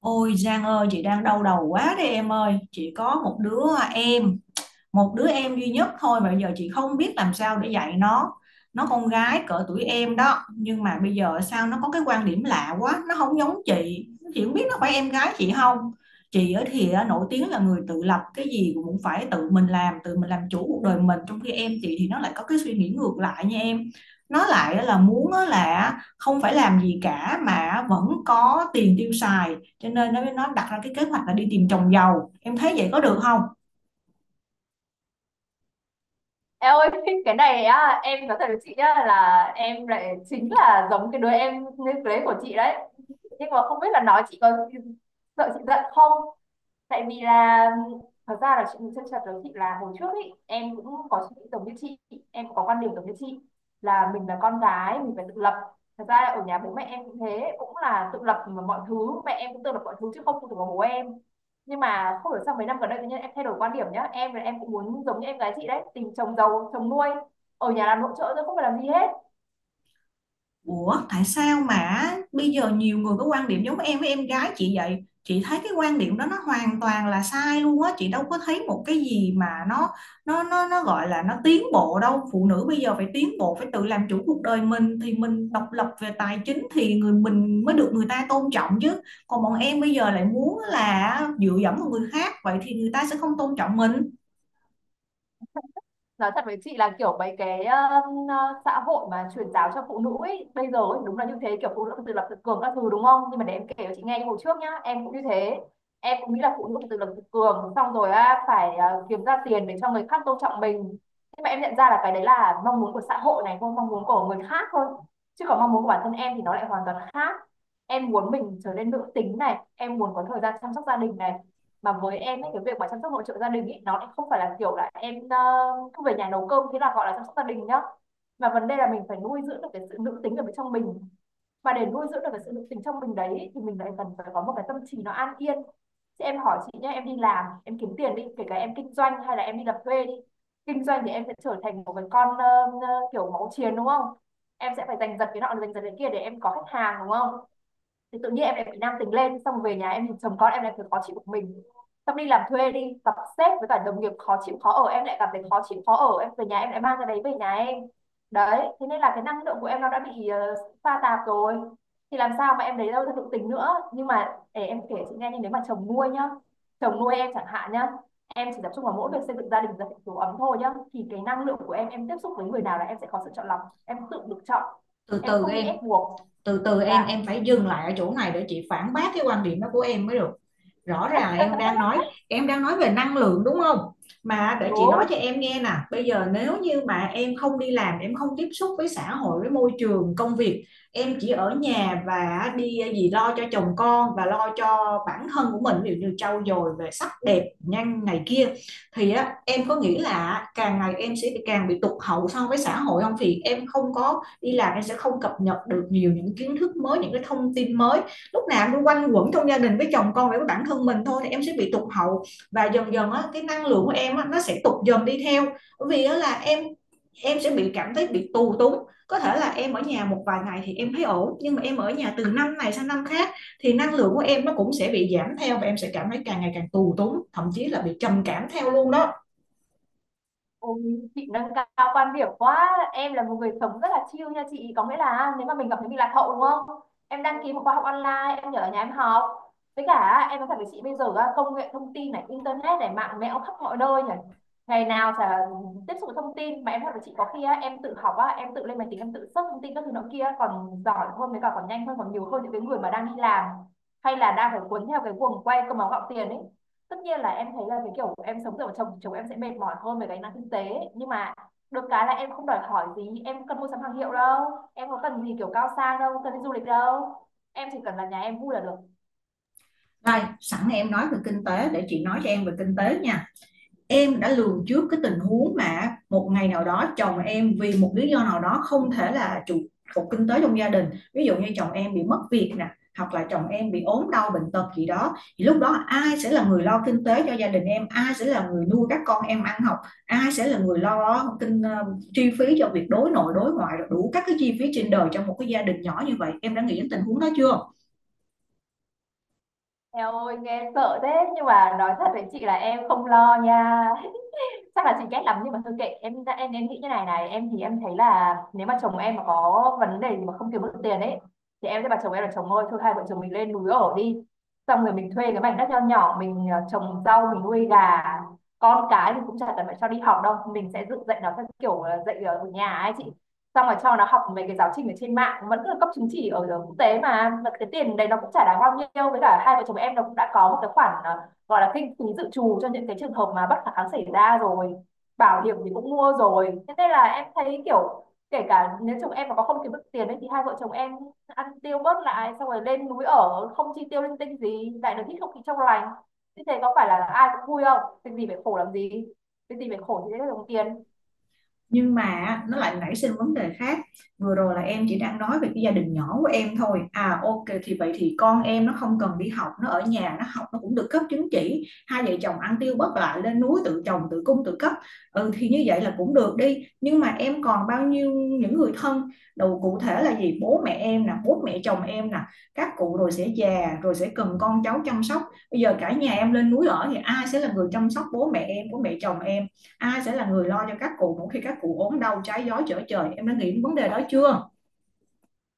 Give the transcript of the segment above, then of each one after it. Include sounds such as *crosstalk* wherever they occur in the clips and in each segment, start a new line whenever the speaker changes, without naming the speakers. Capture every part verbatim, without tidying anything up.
Ôi Giang ơi, chị đang đau đầu quá đây em ơi. Chị có một đứa em một đứa em duy nhất thôi mà bây giờ chị không biết làm sao để dạy nó. Nó con gái cỡ tuổi em đó, nhưng mà bây giờ sao nó có cái quan điểm lạ quá, nó không giống chị chị không biết nó phải em gái chị không. Chị ở thì á, nổi tiếng là người tự lập, cái gì cũng phải tự mình làm, tự mình làm chủ cuộc đời mình, trong khi em chị thì nó lại có cái suy nghĩ ngược lại nha em. Nó lại là muốn á là không phải làm gì cả mà vẫn có tiền tiêu xài, cho nên nó nó đặt ra cái kế hoạch là đi tìm chồng giàu. Em thấy vậy có được không?
Em ơi, cái này á, em nói thật với chị nhá là em lại chính là giống cái đứa em nên play của chị đấy. Nhưng mà không biết là nói chị có sợ chị giận không? Tại vì là thật ra là chuyện chân thật đấy chị, là hồi trước ý, em cũng có suy nghĩ giống như chị, em cũng có quan điểm giống như chị, là mình là con gái mình phải tự lập. Thật ra ở nhà bố mẹ em cũng thế, cũng là tự lập, mà mọi thứ mẹ em cũng tự lập mọi thứ chứ không phụ thuộc vào bố em. Nhưng mà không hiểu sao mấy năm gần đây tự nhiên em thay đổi quan điểm nhá, em là em cũng muốn giống như em gái chị đấy, tìm chồng giàu chồng nuôi, ở nhà làm nội trợ thôi không phải làm gì hết.
Ủa, tại sao mà bây giờ nhiều người có quan điểm giống em với em gái chị vậy? Chị thấy cái quan điểm đó nó hoàn toàn là sai luôn á, chị đâu có thấy một cái gì mà nó nó nó nó gọi là nó tiến bộ đâu. Phụ nữ bây giờ phải tiến bộ, phải tự làm chủ cuộc đời mình, thì mình độc lập về tài chính thì người mình mới được người ta tôn trọng chứ. Còn bọn em bây giờ lại muốn là dựa dẫm vào người khác, vậy thì người ta sẽ không tôn trọng mình.
Nói thật với chị là kiểu mấy cái um, ờ, xã hội mà truyền giáo cho phụ nữ ấy, bây giờ ấy, đúng là như thế, kiểu phụ nữ tự lập tự cường các thứ đúng không, nhưng mà để em kể cho chị nghe cái hồi trước nhá, em cũng như thế, em cũng nghĩ là phụ nữ tự lập tự cường xong rồi á, phải ờ, kiếm ra tiền để cho người khác tôn trọng mình. Nhưng mà em nhận ra là cái đấy là mong muốn của xã hội này, không mong muốn của người khác thôi, chứ còn mong muốn của bản thân em thì nó lại hoàn toàn khác. Em muốn mình trở nên nữ tính này, em muốn có thời gian chăm sóc gia đình này, mà với em ấy cái việc mà chăm sóc hỗ trợ gia đình ấy, nó lại không phải là kiểu là em ờ, cứ về nhà nấu cơm thế là gọi là chăm sóc gia đình nhá, mà vấn đề là mình phải nuôi dưỡng được cái sự nữ tính ở bên trong mình. Mà để nuôi dưỡng được cái sự nữ tính trong mình đấy thì mình lại cần phải có một cái tâm trí nó an yên. Chứ em hỏi chị nhé, em đi làm em kiếm tiền đi, kể cả em kinh doanh hay là em đi làm thuê đi, kinh doanh thì em sẽ trở thành một cái con ờ, ờ, kiểu máu chiến đúng không, em sẽ phải giành giật cái nọ giành giật cái kia để em có khách hàng đúng không, thì tự nhiên em lại bị nam tính lên, xong về nhà em nhìn chồng con em lại thấy khó chịu của mình. Xong đi làm thuê đi, gặp sếp với cả đồng nghiệp khó chịu khó ở, em lại cảm thấy khó chịu khó ở, em về nhà em lại mang cái đấy về nhà em. Đấy thế nên là cái năng lượng của em nó đã bị ờ, pha tạp rồi, thì làm sao mà em lấy đâu ra nội tình nữa. Nhưng mà để em kể chị nghe, nhưng nếu mà chồng nuôi nhá, chồng nuôi em chẳng hạn nhá, em chỉ tập trung vào mỗi việc xây dựng gia đình và hạnh phúc ấm thôi nhá, thì cái năng lượng của em em tiếp xúc với người nào là em sẽ có sự chọn lọc, em tự được chọn,
Từ
em
từ
không bị
em,
ép buộc.
từ từ em
Dạ,
em phải dừng lại ở chỗ này để chị phản bác cái quan điểm đó của em mới được. Rõ ràng là em đang nói em đang nói về năng lượng đúng không? Mà để chị
đúng.
nói cho em nghe nè, bây giờ nếu như mà em không đi làm, em không tiếp xúc với xã hội, với môi trường công việc, em chỉ ở nhà và đi gì lo cho chồng con và lo cho bản thân của mình, ví dụ như trau dồi về sắc đẹp nhanh này kia, thì á, em có nghĩ là càng ngày em sẽ càng bị tụt hậu so với xã hội không? Vì em không có đi làm, em sẽ không cập nhật được nhiều những kiến thức mới, những cái thông tin mới. Lúc nào em quanh quẩn trong gia đình với chồng con và với bản thân mình thôi thì em sẽ bị tụt hậu, và dần dần á, cái năng lượng của em á, nó sẽ tụt dần đi theo. Bởi vì á, là em em sẽ bị cảm thấy bị tù túng. Có thể là em ở nhà một vài ngày thì em thấy ổn, nhưng mà em ở nhà từ năm này sang năm khác thì năng lượng của em nó cũng sẽ bị giảm theo, và em sẽ cảm thấy càng ngày càng tù túng, thậm chí là bị trầm cảm theo luôn đó.
Ôi, chị nâng cao quan điểm quá, em là một người sống rất là chill nha chị, có nghĩa là nếu mà mình cảm thấy mình lạc hậu đúng không, em đăng ký một khóa học online, em nhờ ở nhà em học. Với cả em nói thật với chị bây giờ á, công nghệ thông tin này, internet này, mạng mẽo khắp mọi nơi nhỉ, ngày nào chả tiếp xúc với thông tin, mà em nói thật với chị có khi á, em tự học á, em tự lên máy tính em tự search thông tin các thứ nọ kia còn giỏi hơn, với cả còn nhanh hơn, còn nhiều hơn những cái người mà đang đi làm hay là đang phải cuốn theo cái guồng quay cơm áo gạo tiền ấy. Tất nhiên là em thấy là cái kiểu em sống dựa vào chồng thì chồng em sẽ mệt mỏi hơn về cái năng kinh tế, nhưng mà được cái là em không đòi hỏi gì, em cần mua sắm hàng hiệu đâu, em có cần gì kiểu cao sang đâu, cần đi du lịch đâu, em chỉ cần là nhà em vui là được.
Đây sẵn em nói về kinh tế để chị nói cho em về kinh tế nha. Em đã lường trước cái tình huống mà một ngày nào đó chồng em vì một lý do nào đó không thể là trụ cột kinh tế trong gia đình, ví dụ như chồng em bị mất việc nè, hoặc là chồng em bị ốm đau bệnh tật gì đó, thì lúc đó ai sẽ là người lo kinh tế cho gia đình em, ai sẽ là người nuôi các con em ăn học, ai sẽ là người lo kinh ờ, chi phí cho việc đối nội đối ngoại, đủ các cái chi phí trên đời trong một cái gia đình nhỏ như vậy? Em đã nghĩ đến tình huống đó chưa?
Eo ơi nghe sợ thế, nhưng mà nói thật với chị là em không lo nha, chắc là chị ghét lắm nhưng mà thôi kệ em, em em nghĩ như này này, em thì em thấy là nếu mà chồng em mà có vấn đề gì mà không kiếm được tiền ấy, thì em sẽ bảo chồng em là chồng ơi thôi hai vợ chồng mình lên núi ở đi, xong rồi mình thuê cái mảnh đất nho nhỏ mình ờ, trồng rau mình nuôi gà, con cái thì cũng chả cần phải cho đi học đâu, mình sẽ dựng dạy nó theo kiểu ờ, dạy ở nhà ấy chị, xong rồi cho nó học mấy cái giáo trình ở trên mạng vẫn là cấp chứng chỉ ở ờ, quốc tế mà. Mà cái tiền đấy nó cũng chả đáng bao nhiêu, với cả hai vợ chồng em nó cũng đã có một cái khoản ờ, gọi là kinh phí dự trù cho những cái trường hợp mà bất khả kháng xảy ra rồi, bảo hiểm thì cũng mua rồi, thế nên là em thấy kiểu kể cả nếu chồng em mà có không kiếm được tiền ấy thì hai vợ chồng em ăn tiêu bớt lại, xong rồi lên núi ở không chi tiêu linh tinh gì, lại được hít không khí trong lành, như thế có phải là ai cũng vui không, việc gì phải khổ làm gì, việc gì phải khổ thì sẽ được đồng tiền.
Nhưng mà nó lại nảy sinh vấn đề khác. Vừa rồi là em chỉ đang nói về cái gia đình nhỏ của em thôi à, ok, thì vậy thì con em nó không cần đi học, nó ở nhà nó học nó cũng được cấp chứng chỉ, hai vợ chồng ăn tiêu bất lại lên núi tự trồng tự cung tự cấp. Ừ thì như vậy là cũng được đi, nhưng mà em còn bao nhiêu những người thân đầu, cụ thể là gì, bố mẹ em nè, bố mẹ chồng em nè, các cụ rồi sẽ già, rồi sẽ cần con cháu chăm sóc. Bây giờ cả nhà em lên núi ở thì ai sẽ là người chăm sóc bố mẹ em, bố mẹ chồng em, ai sẽ là người lo cho các cụ mỗi khi các cụ ốm đau trái gió trở trời? Em đã nghĩ đến vấn đề đó chưa?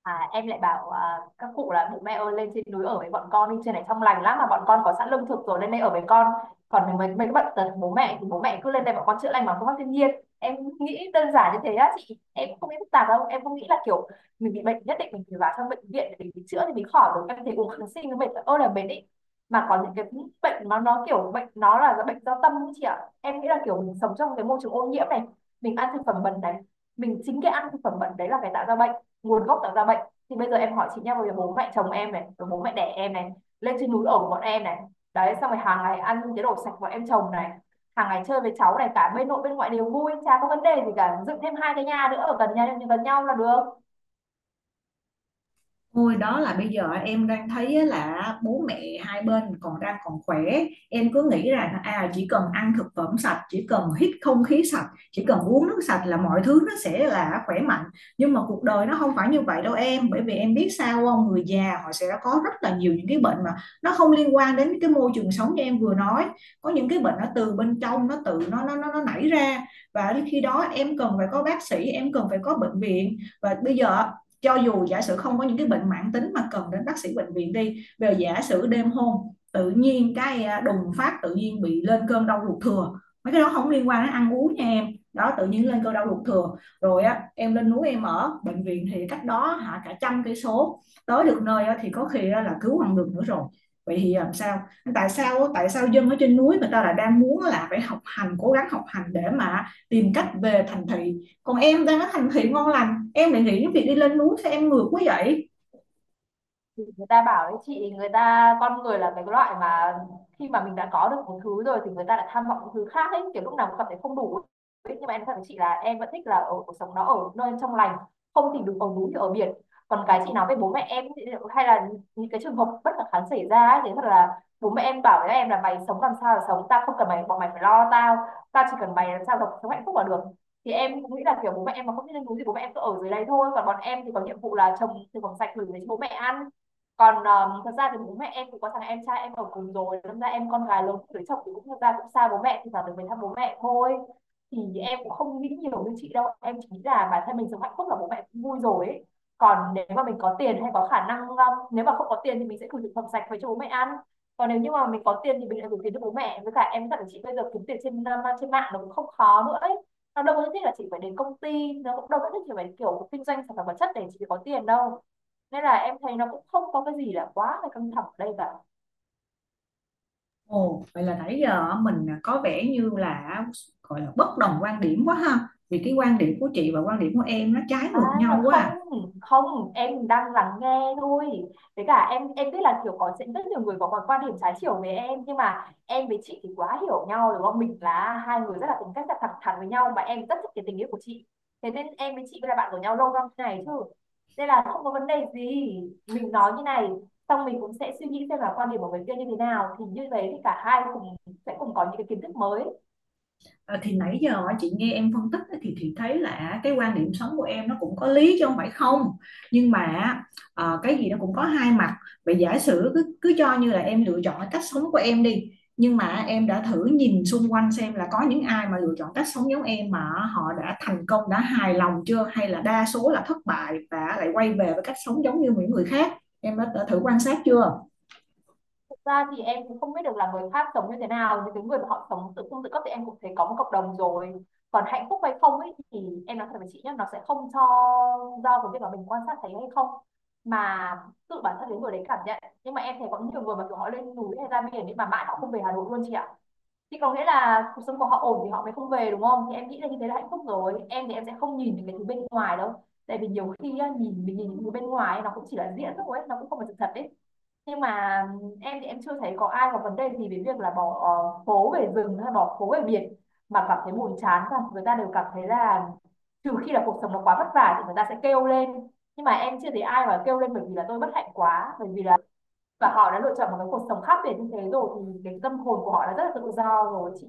À, em lại bảo à, các cụ là bố mẹ ơi lên trên núi ở với bọn con đi, trên này trong lành lắm mà, bọn con có sẵn lương thực rồi, lên đây ở với con, còn mấy mấy cái bệnh tật bố mẹ thì bố mẹ cứ lên đây bọn con chữa lành bằng phương pháp thiên nhiên. Em nghĩ đơn giản như thế á chị, em cũng không nghĩ phức tạp đâu, em không nghĩ là kiểu mình bị bệnh nhất định mình phải vào trong bệnh viện để mình chữa thì mình khỏi được, em thấy uống kháng sinh nó mệt ơi là mệt ý. Mà có những cái bệnh nó nó kiểu bệnh nó là bệnh do tâm ý chị ạ, em nghĩ là kiểu mình sống trong cái môi trường ô nhiễm này, mình ăn thực phẩm bẩn này, mình chính cái ăn thực phẩm bẩn đấy là cái tạo ra bệnh, nguồn gốc tạo ra bệnh. Thì bây giờ em hỏi chị nhá, bây bố mẹ chồng em này, rồi bố mẹ đẻ em này, lên trên núi ở của bọn em này, đấy xong rồi hàng ngày ăn những cái đồ sạch bọn em chồng này, hàng ngày chơi với cháu này, cả bên nội bên ngoại đều vui chả có vấn đề gì cả, dựng thêm hai cái nhà nữa ở gần nhau gần nhau là được.
Ôi, đó là bây giờ em đang thấy á là bố mẹ hai bên còn đang còn khỏe, em cứ nghĩ rằng à chỉ cần ăn thực phẩm sạch, chỉ cần hít không khí sạch, chỉ cần uống nước sạch là mọi thứ nó sẽ là khỏe mạnh. Nhưng mà cuộc đời nó không phải như vậy đâu em, bởi vì em biết sao không, người già họ sẽ có rất là nhiều những cái bệnh mà nó không liên quan đến cái môi trường sống như em vừa nói. Có những cái bệnh nó từ bên trong, nó tự nó nó nó, nó nảy ra, và khi đó em cần phải có bác sĩ, em cần phải có bệnh viện. Và bây giờ cho dù giả sử không có những cái bệnh mãn tính mà cần đến bác sĩ bệnh viện đi, về giả sử đêm hôm tự nhiên cái à, đùng phát tự nhiên bị lên cơn đau ruột thừa, mấy cái đó không liên quan đến ăn uống nha em. Đó, tự nhiên lên cơn đau ruột thừa rồi á, em lên núi em ở, bệnh viện thì cách đó hả cả trăm cây số, tới được nơi á, thì có khi là cứu không được nữa rồi. Vậy thì à, làm sao? Tại sao tại sao dân ở trên núi người ta lại đang muốn là phải học hành, cố gắng học hành để mà tìm cách về thành thị, còn em đang ở thành thị ngon lành em lại nghĩ đến việc đi lên núi? Sao em ngược quá vậy?
Thì người ta bảo đấy chị, người ta con người là cái loại mà khi mà mình đã có được một thứ rồi thì người ta lại tham vọng những thứ khác ấy, kiểu lúc nào cũng cảm thấy không đủ ấy. Nhưng mà em nói thật với chị là em vẫn thích là ở cuộc sống nó ở nơi trong lành, không thì đừng ở núi thì ở biển. Còn cái chị nói với bố mẹ em thì- hay là những cái trường hợp bất khả kháng xảy ra ấy, thì thật là bố mẹ em bảo với em là mày sống làm sao là sống, tao không cần mày bọn mày phải lo tao, tao chỉ cần mày làm sao được sống hạnh phúc là được. Thì em cũng nghĩ là kiểu bố mẹ em mà không biết lên núi thì bố mẹ em cứ ở dưới đây thôi, còn bọn em thì có nhiệm vụ là trồng thực phẩm sạch gửi về cho bố mẹ ăn. Còn um, thật ra thì bố mẹ em cũng có thằng em trai em ở cùng rồi, đâm ra em con gái lớn cưới chồng thì cũng thật ra cũng xa bố mẹ, thì vào được về thăm bố mẹ thôi. Thì em cũng không nghĩ nhiều như chị đâu, em chỉ nghĩ là bản thân mình sống hạnh phúc là bố mẹ cũng vui rồi ấy. Còn nếu mà mình có tiền hay có khả năng um, nếu mà không có tiền thì mình sẽ gửi thực phẩm sạch về cho bố mẹ ăn. Còn nếu như mà mình có tiền thì mình lại gửi tiền cho bố mẹ. Với cả em dặn chị, bây giờ kiếm tiền trên um, trên mạng nó cũng không khó nữa ấy. Nó đâu có nhất thiết là chị phải đến công ty, nó cũng đâu có nhất thiết phải kiểu kinh doanh sản phẩm vật chất để chị có tiền đâu. Nên là em thấy nó cũng không có cái gì là quá là căng thẳng ở đây cả.
Ồ, vậy là nãy giờ mình có vẻ như là gọi là bất đồng quan điểm quá ha, vì cái quan điểm của chị và quan điểm của em nó trái
À,
ngược nhau quá à.
không, không, em đang lắng nghe thôi. Với cả em em biết là kiểu có sẽ rất nhiều người có quan quan điểm trái chiều với em, nhưng mà em với chị thì quá hiểu nhau đúng không, mình là hai người rất là tính cách là thẳng thắn với nhau, và em rất thích cái tình yêu của chị. Thế nên em với chị mới là bạn của nhau lâu năm thế này chứ. Nên là không có vấn đề gì. Mình nói như này, xong mình cũng sẽ suy nghĩ xem là quan điểm của người kia như thế nào, thì như thế thì cả hai cùng sẽ cùng có những cái kiến thức mới.
Ờ, thì nãy giờ chị nghe em phân tích á, thì chị thấy là cái quan điểm sống của em nó cũng có lý chứ không phải không, nhưng mà ờ, cái gì nó cũng có hai mặt. Vậy giả sử cứ cứ cho như là em lựa chọn cái cách sống của em đi, nhưng mà em đã thử nhìn xung quanh xem là có những ai mà lựa chọn cách sống giống em mà họ đã thành công, đã hài lòng chưa, hay là đa số là thất bại và lại quay về với cách sống giống như những người khác? Em đã, đã thử quan sát chưa?
Thực ra thì em cũng không biết được là người khác sống như thế nào, nhưng cái người mà họ sống tự cung tự cấp thì em cũng thấy có một cộng đồng rồi. Còn hạnh phúc hay không ấy thì em nói thật với chị nhé, nó sẽ không cho do cái việc mà mình quan sát thấy hay không, mà tự bản thân cái người đấy cảm nhận. Nhưng mà em thấy có những người mà kiểu họ lên núi hay ra biển nhưng mà mãi họ không về Hà Nội luôn chị ạ. Thì có nghĩa là cuộc sống của họ ổn thì họ mới không về đúng không, thì em nghĩ là như thế là hạnh phúc rồi. Em thì em sẽ không nhìn những cái thứ bên ngoài đâu, tại vì nhiều khi á, nhìn mình nhìn những thứ bên ngoài ấy, nó cũng chỉ là diễn thôi ấy, nó cũng không phải sự thật đấy. Nhưng mà em thì em chưa thấy có ai có vấn đề gì về việc là bỏ ờ, phố về rừng hay bỏ phố về biển mà cảm thấy buồn chán cả, người ta đều cảm thấy là, trừ khi là cuộc sống nó quá vất vả thì người ta sẽ kêu lên. Nhưng mà em chưa thấy ai mà kêu lên bởi vì là tôi bất hạnh quá, bởi vì là và họ đã lựa chọn một cái cuộc sống khác biệt như thế rồi thì cái tâm hồn của họ đã rất là tự do rồi chị.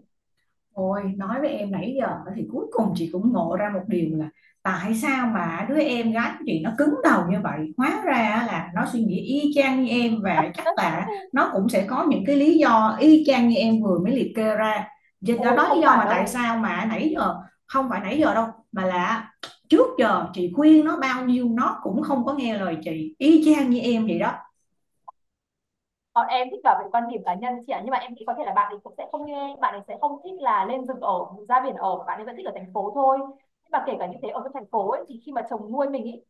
Ôi, nói với em nãy giờ thì cuối cùng chị cũng ngộ ra một điều là tại sao mà đứa em gái của chị nó cứng đầu như vậy. Hóa ra là nó suy nghĩ y chang như em, và chắc là nó cũng sẽ có những cái lý do y chang như em vừa mới liệt kê ra. Vậy đó,
Ôi
đó
không
lý do
phải
mà tại
đâu,
sao mà nãy giờ... Không phải nãy giờ đâu, mà là trước giờ chị khuyên nó bao nhiêu nó cũng không có nghe lời chị, y chang như em vậy đó.
bọn em thích bảo vệ quan điểm cá nhân chị ạ, nhưng mà em nghĩ có thể là bạn ấy cũng sẽ không như em, bạn ấy sẽ không thích là lên rừng ở, ra biển ở, bạn ấy vẫn thích ở thành phố thôi. Nhưng mà kể cả như thế, ở trong thành phố ấy, thì khi mà chồng nuôi mình ấy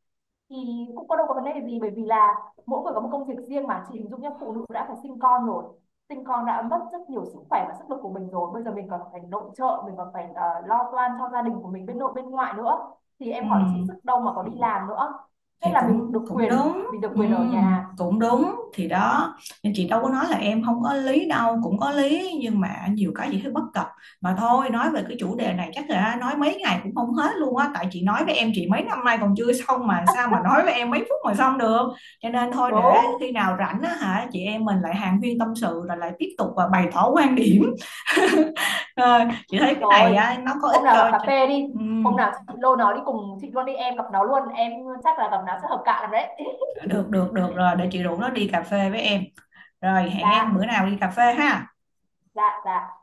thì cũng có đâu có vấn đề gì, bởi vì là mỗi người có một công việc riêng. Mà chị hình dung nhá, phụ nữ đã phải sinh con rồi, sinh con đã mất rất nhiều sức khỏe và sức lực của mình rồi, bây giờ mình còn phải nội trợ, mình còn phải ờ, lo toan cho gia đình của mình bên nội bên ngoại nữa, thì em hỏi chị sức đâu mà có
Ừ.
đi làm nữa. Thế
Thì
là mình
cũng
được
cũng
quyền,
đúng,
mình được
ừ,
quyền ở nhà.
cũng đúng thì đó, nên chị đâu có nói là em không có lý đâu, cũng có lý, nhưng mà nhiều cái chị thấy bất cập. Mà thôi, nói về cái chủ đề này chắc là nói mấy ngày cũng không hết luôn á, tại chị nói với em chị mấy năm nay còn chưa xong mà
À,
sao mà nói với em mấy phút mà xong được. Cho nên thôi,
đúng
để khi nào rảnh á hả, chị em mình lại hàn huyên tâm sự rồi lại tiếp tục và bày tỏ quan điểm. *laughs* Ờ, chị thấy cái
rồi,
này á, nó có ích
hôm nào gặp
cho,
cà
cho...
phê đi,
Ừ,
hôm nào chị lôi nó đi cùng chị luôn đi, em gặp nó luôn, em chắc là gặp nó sẽ hợp cạ lắm đấy. *laughs*
được được được rồi, để chị rủ nó đi cà phê với em. Rồi, hẹn
Dạ,
em bữa nào đi cà phê ha.
dạ, dạ.